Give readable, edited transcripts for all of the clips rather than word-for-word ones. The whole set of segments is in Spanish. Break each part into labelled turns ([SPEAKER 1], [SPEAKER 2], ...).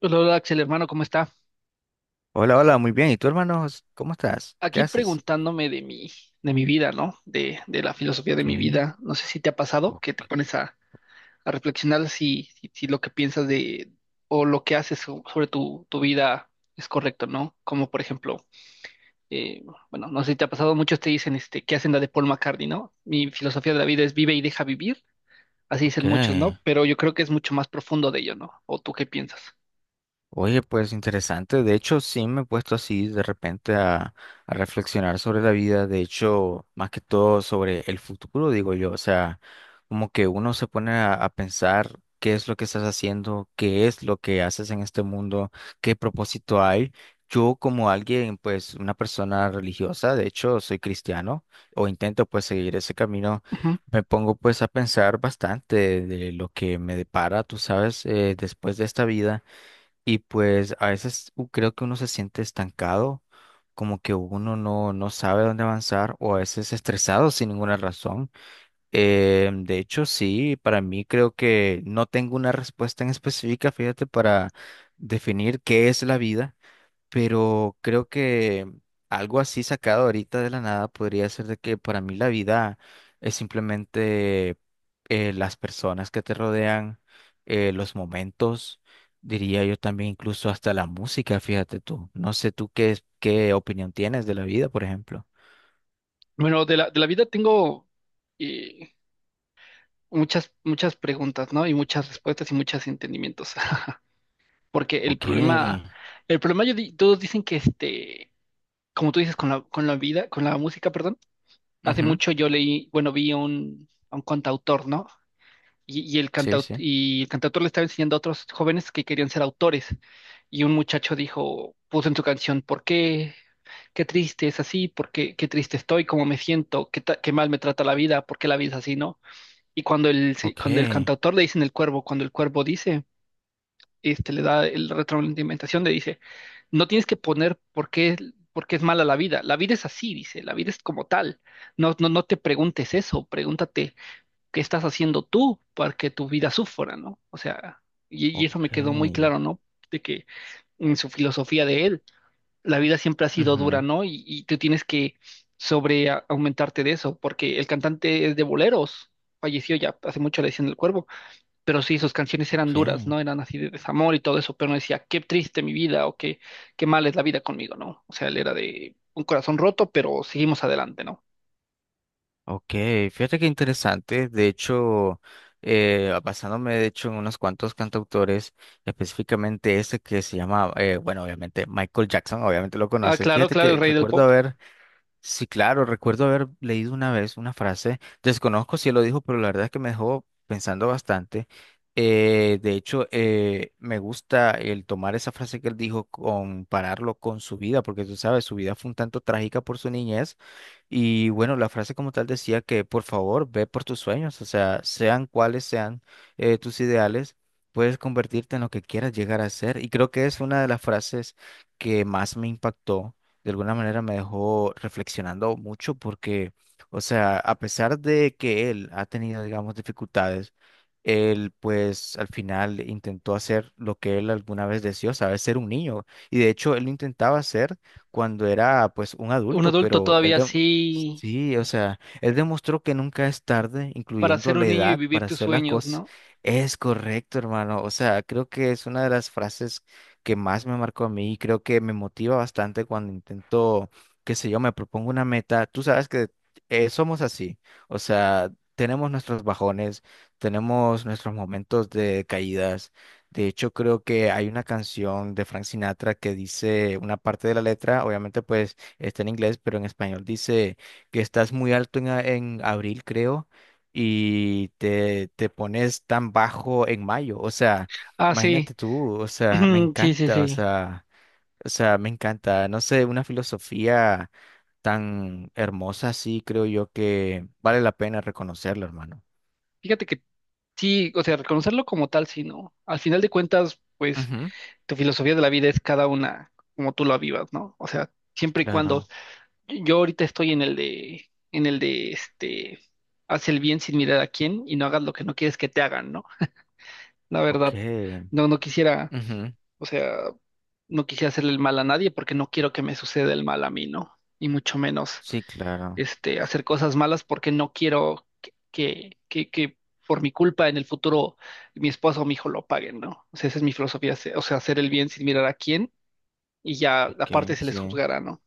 [SPEAKER 1] Hola, hola, Axel, hermano, ¿cómo está?
[SPEAKER 2] Hola, hola, muy bien. ¿Y tú, hermanos? ¿Cómo estás? ¿Qué
[SPEAKER 1] Aquí
[SPEAKER 2] haces?
[SPEAKER 1] preguntándome de mi vida, ¿no? De la filosofía de
[SPEAKER 2] Ok,
[SPEAKER 1] mi vida. No sé si te ha pasado que
[SPEAKER 2] o-
[SPEAKER 1] a reflexionar si lo que piensas o lo que haces sobre tu vida es correcto, ¿no? Como por ejemplo, eh, bueno, no sé si te ha pasado, muchos te dicen este, que hacen la de Paul McCartney, ¿no? Mi filosofía de la vida es vive y deja vivir, así
[SPEAKER 2] ok.
[SPEAKER 1] dicen muchos, ¿no? Pero yo creo que es mucho más profundo de ello, ¿no? ¿O tú qué piensas?
[SPEAKER 2] Oye, pues interesante. De hecho, sí me he puesto así de repente a reflexionar sobre la vida. De hecho, más que todo sobre el futuro, digo yo. O sea, como que uno se pone a pensar qué es lo que estás haciendo, qué es lo que haces en este mundo, qué propósito hay. Yo como alguien, pues una persona religiosa, de hecho, soy cristiano o intento pues seguir ese camino.
[SPEAKER 1] Ujú.
[SPEAKER 2] Me pongo pues a pensar bastante de lo que me depara, tú sabes, después de esta vida. Y pues a veces creo que uno se siente estancado, como que uno no sabe dónde avanzar o a veces estresado sin ninguna razón. De hecho, sí, para mí creo que no tengo una respuesta en específica, fíjate, para definir qué es la vida, pero creo que algo así sacado ahorita de la nada podría ser de que para mí la vida es simplemente, las personas que te rodean, los momentos, diría yo también incluso hasta la música, fíjate tú. No sé tú qué, qué opinión tienes de la vida, por ejemplo.
[SPEAKER 1] Bueno, de la vida tengo eh, muchas preguntas, ¿no? Y muchas respuestas y muchos entendimientos. Porque
[SPEAKER 2] Ok.
[SPEAKER 1] el problema, todos dicen que este, como tú dices, con la vida, con la música, perdón, hace
[SPEAKER 2] Ujú.
[SPEAKER 1] mucho yo leí, bueno, vi a un cantautor, ¿no? Y
[SPEAKER 2] Sí, sí.
[SPEAKER 1] el cantautor le estaba enseñando a otros jóvenes que querían ser autores. Y un muchacho dijo, puso en su canción, ¿por qué? Qué triste es así, por qué, qué triste estoy, cómo me siento, qué mal me trata la vida, por qué la vida es así, ¿no? Y cuando
[SPEAKER 2] Ok.
[SPEAKER 1] cuando el cantautor le dice en el cuervo, cuando el cuervo dice, este, le da el retroalimentación, le dice, no tienes que poner por qué es mala la vida. La vida es así, dice, la vida es como tal. No, no, no te preguntes eso, pregúntate qué estás haciendo tú para que tu vida sufra, ¿no? O sea, y eso
[SPEAKER 2] Ok.
[SPEAKER 1] me quedó muy claro, ¿no? De que en su filosofía de él, la vida siempre ha sido dura,
[SPEAKER 2] Ujú.
[SPEAKER 1] ¿no? Y tú tienes que aumentarte de eso, porque el cantante es de boleros, falleció ya hace mucho, le decían el cuervo, pero sí, sus canciones eran
[SPEAKER 2] Ok.
[SPEAKER 1] duras, ¿no? Eran así de desamor y todo eso, pero no decía, qué triste mi vida o qué, qué mal es la vida conmigo, ¿no? O sea, él era de un corazón roto, pero seguimos adelante, ¿no?
[SPEAKER 2] Ok, fíjate qué interesante. De hecho, basándome de hecho en unos cuantos cantautores, específicamente ese que se llama, bueno, obviamente Michael Jackson, obviamente lo
[SPEAKER 1] Ah,
[SPEAKER 2] conoces.
[SPEAKER 1] claro,
[SPEAKER 2] Fíjate
[SPEAKER 1] claro, el
[SPEAKER 2] que
[SPEAKER 1] rey del
[SPEAKER 2] recuerdo
[SPEAKER 1] pop.
[SPEAKER 2] haber... Sí, claro, recuerdo haber leído una vez una frase, desconozco si él lo dijo, pero la verdad es que me dejó pensando bastante. De hecho, me gusta el tomar esa frase que él dijo, compararlo con su vida, porque tú sabes, su vida fue un tanto trágica por su niñez. Y bueno, la frase como tal decía que por favor ve por tus sueños, o sea, sean cuales sean tus ideales, puedes convertirte en lo que quieras llegar a ser. Y creo que es una de las frases que más me impactó, de alguna manera me dejó reflexionando mucho porque, o sea, a pesar de que él ha tenido, digamos, dificultades, él pues al final intentó hacer lo que él alguna vez deseó, ¿sabes? Ser un niño. Y de hecho, él lo intentaba hacer cuando era pues un
[SPEAKER 1] Un
[SPEAKER 2] adulto,
[SPEAKER 1] adulto
[SPEAKER 2] pero él...
[SPEAKER 1] todavía así
[SPEAKER 2] Sí, o sea, él demostró que nunca es tarde,
[SPEAKER 1] para
[SPEAKER 2] incluyendo
[SPEAKER 1] ser
[SPEAKER 2] la
[SPEAKER 1] un niño y
[SPEAKER 2] edad,
[SPEAKER 1] vivir
[SPEAKER 2] para
[SPEAKER 1] tus
[SPEAKER 2] hacer las
[SPEAKER 1] sueños,
[SPEAKER 2] cosas.
[SPEAKER 1] ¿no?
[SPEAKER 2] Es correcto, hermano. O sea, creo que es una de las frases que más me marcó a mí y creo que me motiva bastante cuando intento, qué sé yo, me propongo una meta. Tú sabes que somos así, o sea, tenemos nuestros bajones, tenemos nuestros momentos de caídas. De hecho, creo que hay una canción de Frank Sinatra que dice una parte de la letra, obviamente pues está en inglés, pero en español dice que estás muy alto en, en abril, creo, y te pones tan bajo en mayo. O sea,
[SPEAKER 1] Ah,
[SPEAKER 2] imagínate
[SPEAKER 1] sí,
[SPEAKER 2] tú, o sea, me
[SPEAKER 1] sí, sí,
[SPEAKER 2] encanta, o
[SPEAKER 1] sí.
[SPEAKER 2] sea, o sea, me encanta, no sé, una filosofía tan hermosa así, creo yo que vale la pena reconocerla, hermano.
[SPEAKER 1] Fíjate que sí, o sea, reconocerlo como tal, sí, ¿no? Al final de cuentas, pues
[SPEAKER 2] Ujú,
[SPEAKER 1] tu filosofía de la vida es cada una como tú la vivas, ¿no? O sea, siempre y cuando.
[SPEAKER 2] claro,
[SPEAKER 1] Yo ahorita estoy en el de este, haz el bien sin mirar a quién y no hagas lo que no quieres que te hagan, ¿no? La verdad,
[SPEAKER 2] ok.
[SPEAKER 1] no quisiera,
[SPEAKER 2] Ujú,
[SPEAKER 1] o sea, no quisiera hacerle el mal a nadie porque no quiero que me suceda el mal a mí, ¿no? Y mucho menos,
[SPEAKER 2] sí, claro,
[SPEAKER 1] este, hacer cosas malas porque no quiero que por mi culpa en el futuro mi esposo o mi hijo lo paguen, ¿no? O sea, esa es mi filosofía, o sea, hacer el bien sin mirar a quién y ya aparte
[SPEAKER 2] ok,
[SPEAKER 1] se les
[SPEAKER 2] sí.
[SPEAKER 1] juzgará, ¿no?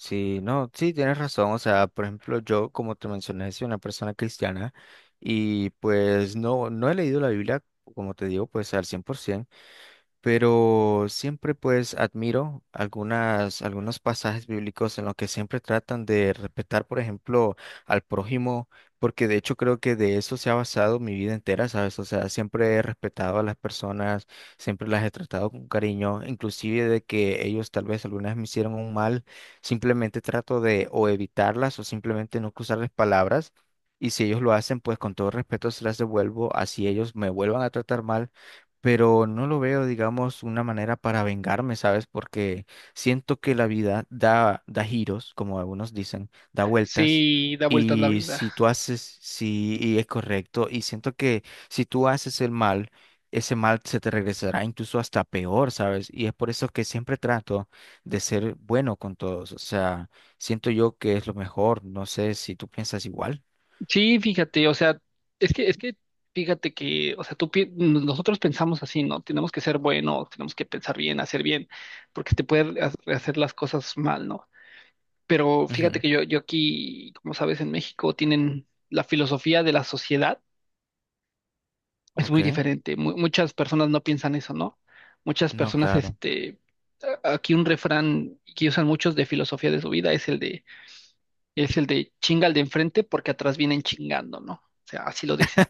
[SPEAKER 2] Sí, no, sí, tienes razón, o sea, por ejemplo, yo, como te mencioné, soy una persona cristiana y pues no he leído la Biblia, como te digo, pues al 100%. Pero siempre pues admiro algunos pasajes bíblicos en los que siempre tratan de respetar, por ejemplo, al prójimo, porque de hecho creo que de eso se ha basado mi vida entera, ¿sabes? O sea, siempre he respetado a las personas, siempre las he tratado con cariño, inclusive de que ellos tal vez algunas me hicieron un mal, simplemente trato de o evitarlas o simplemente no cruzarles palabras. Y si ellos lo hacen, pues con todo respeto se las devuelvo, así ellos me vuelvan a tratar mal, pero no lo veo, digamos, una manera para vengarme, ¿sabes? Porque siento que la vida da giros, como algunos dicen, da vueltas.
[SPEAKER 1] Sí, da vueltas la
[SPEAKER 2] Y
[SPEAKER 1] vida.
[SPEAKER 2] si tú haces, sí, y es correcto, y siento que si tú haces el mal, ese mal se te regresará incluso hasta peor, ¿sabes? Y es por eso que siempre trato de ser bueno con todos, o sea, siento yo que es lo mejor, no sé si tú piensas igual.
[SPEAKER 1] Sí, fíjate, o sea, es que, fíjate que, o sea, nosotros pensamos así, ¿no? Tenemos que ser buenos, tenemos que pensar bien, hacer bien, porque te pueden hacer las cosas mal, ¿no? Pero fíjate
[SPEAKER 2] Ujú,
[SPEAKER 1] que yo aquí, como sabes, en México tienen la filosofía de la sociedad, es
[SPEAKER 2] ok,
[SPEAKER 1] muy diferente. Muchas personas no piensan eso, ¿no? Muchas
[SPEAKER 2] no,
[SPEAKER 1] personas,
[SPEAKER 2] claro.
[SPEAKER 1] este, aquí un refrán que usan muchos de filosofía de su vida es el de chinga al de enfrente porque atrás vienen chingando, ¿no? O sea, así lo dicen.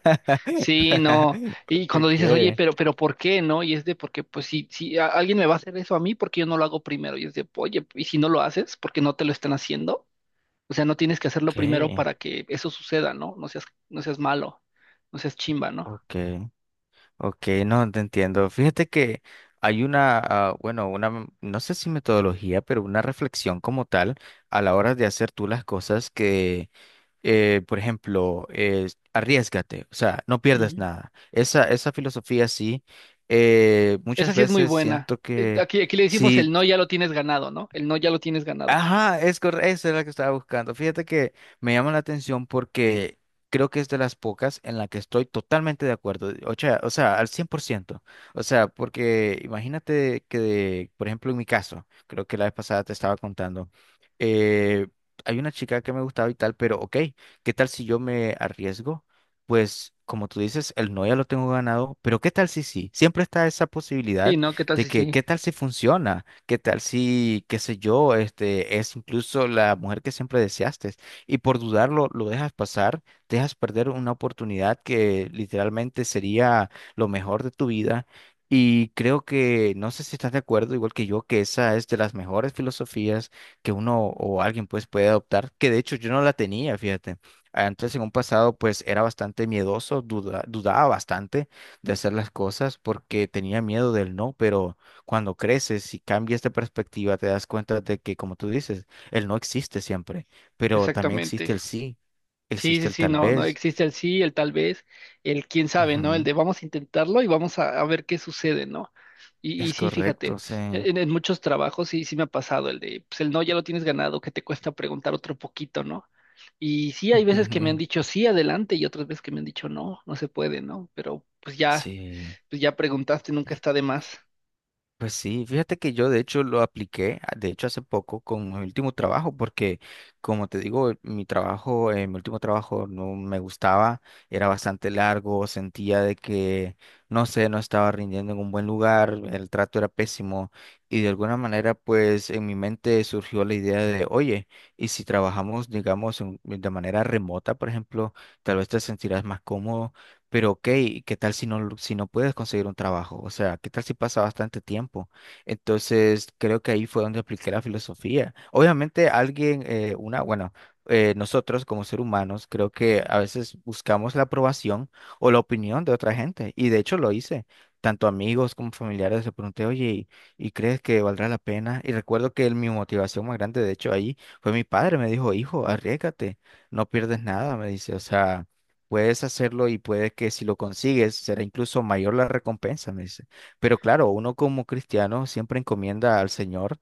[SPEAKER 1] Sí, no. Y cuando
[SPEAKER 2] Ok.
[SPEAKER 1] dices, oye, pero ¿por qué, no? Y es de porque, pues, si alguien me va a hacer eso a mí, ¿por qué yo no lo hago primero? Y es de, oye, y si no lo haces, ¿por qué no te lo están haciendo? O sea, no tienes que hacerlo primero
[SPEAKER 2] Okay,
[SPEAKER 1] para que eso suceda, ¿no? No seas malo, no seas chimba, ¿no?
[SPEAKER 2] okay, okay, no te entiendo. Fíjate que hay una, ah, bueno, una, no sé si metodología, pero una reflexión como tal a la hora de hacer tú las cosas que, por ejemplo, arriésgate, o sea, no pierdas
[SPEAKER 1] Ujú.
[SPEAKER 2] nada. Esa filosofía sí,
[SPEAKER 1] Esa
[SPEAKER 2] muchas
[SPEAKER 1] sí es muy
[SPEAKER 2] veces
[SPEAKER 1] buena.
[SPEAKER 2] siento que
[SPEAKER 1] Aquí, aquí le decimos el
[SPEAKER 2] sí.
[SPEAKER 1] no ya lo tienes ganado, ¿no? El no ya lo tienes ganado.
[SPEAKER 2] Ajá, es correcto, esa es la que estaba buscando. Fíjate que me llama la atención porque creo que es de las pocas en la que estoy totalmente de acuerdo, o sea, al 100%. O sea, porque imagínate que, por ejemplo, en mi caso, creo que la vez pasada te estaba contando, eh, hay una chica que me gustaba y tal, pero ok, ¿qué tal si yo me arriesgo? Pues, como tú dices, el no ya lo tengo ganado, pero ¿qué tal si sí? Siempre está esa
[SPEAKER 1] Sí,
[SPEAKER 2] posibilidad
[SPEAKER 1] ¿no? ¿Qué tal
[SPEAKER 2] de
[SPEAKER 1] si
[SPEAKER 2] que,
[SPEAKER 1] sí?
[SPEAKER 2] ¿qué tal si funciona? ¿Qué tal si, qué sé yo, este es incluso la mujer que siempre deseaste? Y por dudarlo, lo dejas pasar, dejas perder una oportunidad que literalmente sería lo mejor de tu vida. Y creo que, no sé si estás de acuerdo, igual que yo, que esa es de las mejores filosofías que uno o alguien pues puede adoptar, que de hecho yo no la tenía, fíjate. Antes en un pasado pues era bastante miedoso, dudaba bastante de hacer las cosas porque tenía miedo del no, pero cuando creces y cambias de perspectiva, te das cuenta de que, como tú dices, el no existe siempre, pero también
[SPEAKER 1] Exactamente.
[SPEAKER 2] existe el sí,
[SPEAKER 1] Sí,
[SPEAKER 2] existe
[SPEAKER 1] sí,
[SPEAKER 2] el
[SPEAKER 1] sí,
[SPEAKER 2] tal
[SPEAKER 1] no, no
[SPEAKER 2] vez.
[SPEAKER 1] existe el sí, el tal vez, el quién sabe, ¿no? El
[SPEAKER 2] Ujú,
[SPEAKER 1] de vamos a intentarlo y a ver qué sucede, ¿no? Y
[SPEAKER 2] es
[SPEAKER 1] sí, fíjate,
[SPEAKER 2] correcto, sí.
[SPEAKER 1] en muchos trabajos sí me ha pasado el de, pues el no ya lo tienes ganado, que te cuesta preguntar otro poquito, ¿no? Y sí, hay veces que me han dicho sí, adelante, y otras veces que me han dicho no, no se puede, ¿no? Pero
[SPEAKER 2] Sí.
[SPEAKER 1] pues ya preguntaste, nunca está de más.
[SPEAKER 2] Pues sí, fíjate que yo de hecho lo apliqué, de hecho hace poco con mi último trabajo, porque como te digo, mi trabajo, mi último trabajo no me gustaba, era bastante largo, sentía de que, no sé, no estaba rindiendo en un buen lugar, el trato era pésimo y de alguna manera pues en mi mente surgió la idea de, oye, y si trabajamos, digamos, de manera remota, por ejemplo, tal vez te sentirás más cómodo. Pero ok, ¿qué tal si no, si no puedes conseguir un trabajo? O sea, ¿qué tal si pasa bastante tiempo? Entonces, creo que ahí fue donde apliqué la filosofía. Obviamente, alguien, bueno, nosotros como seres humanos, creo que a veces buscamos la aprobación o la opinión de otra gente. Y de hecho lo hice. Tanto amigos como familiares le pregunté, oye, ¿ y crees que valdrá la pena? Y recuerdo que mi motivación más grande, de hecho, ahí fue mi padre. Me dijo, hijo, arriésgate, no pierdes nada, me dice. O sea... puedes hacerlo y puede que si lo consigues será incluso mayor la recompensa, me dice. Pero claro, uno como cristiano siempre encomienda al Señor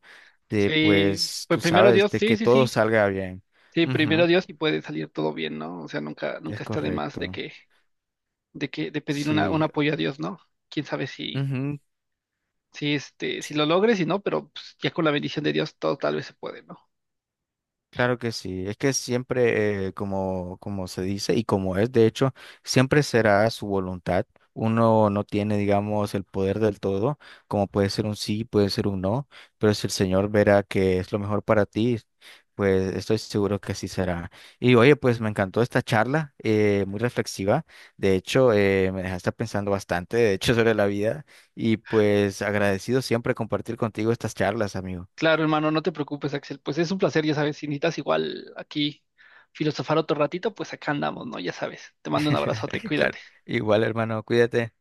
[SPEAKER 2] de,
[SPEAKER 1] Sí,
[SPEAKER 2] pues,
[SPEAKER 1] pues
[SPEAKER 2] tú
[SPEAKER 1] primero
[SPEAKER 2] sabes,
[SPEAKER 1] Dios,
[SPEAKER 2] de
[SPEAKER 1] sí,
[SPEAKER 2] que
[SPEAKER 1] sí,
[SPEAKER 2] todo
[SPEAKER 1] sí.
[SPEAKER 2] salga bien.
[SPEAKER 1] Sí,
[SPEAKER 2] Ujú,
[SPEAKER 1] primero Dios y puede salir todo bien, ¿no? O sea, nunca,
[SPEAKER 2] es
[SPEAKER 1] nunca está de más de
[SPEAKER 2] correcto.
[SPEAKER 1] que de pedir una, un
[SPEAKER 2] Sí.
[SPEAKER 1] apoyo a Dios, ¿no? Quién sabe
[SPEAKER 2] Ujú,
[SPEAKER 1] si este, si lo logres, si no, pero pues, ya con la bendición de Dios todo tal vez se puede, ¿no?
[SPEAKER 2] claro que sí, es que siempre, como, como se dice y como es, de hecho, siempre será su voluntad. Uno no tiene, digamos, el poder del todo, como puede ser un sí, puede ser un no, pero si el Señor verá que es lo mejor para ti, pues estoy seguro que así será. Y oye, pues me encantó esta charla, muy reflexiva. De hecho, me dejaste pensando bastante, de hecho, sobre la vida y pues agradecido siempre compartir contigo estas charlas, amigo.
[SPEAKER 1] Claro, hermano, no te preocupes, Axel. Pues es un placer, ya sabes, si necesitas igual aquí filosofar otro ratito, pues acá andamos, ¿no? Ya sabes. Te mando un abrazote, cuídate.
[SPEAKER 2] Claro, igual, hermano, cuídate.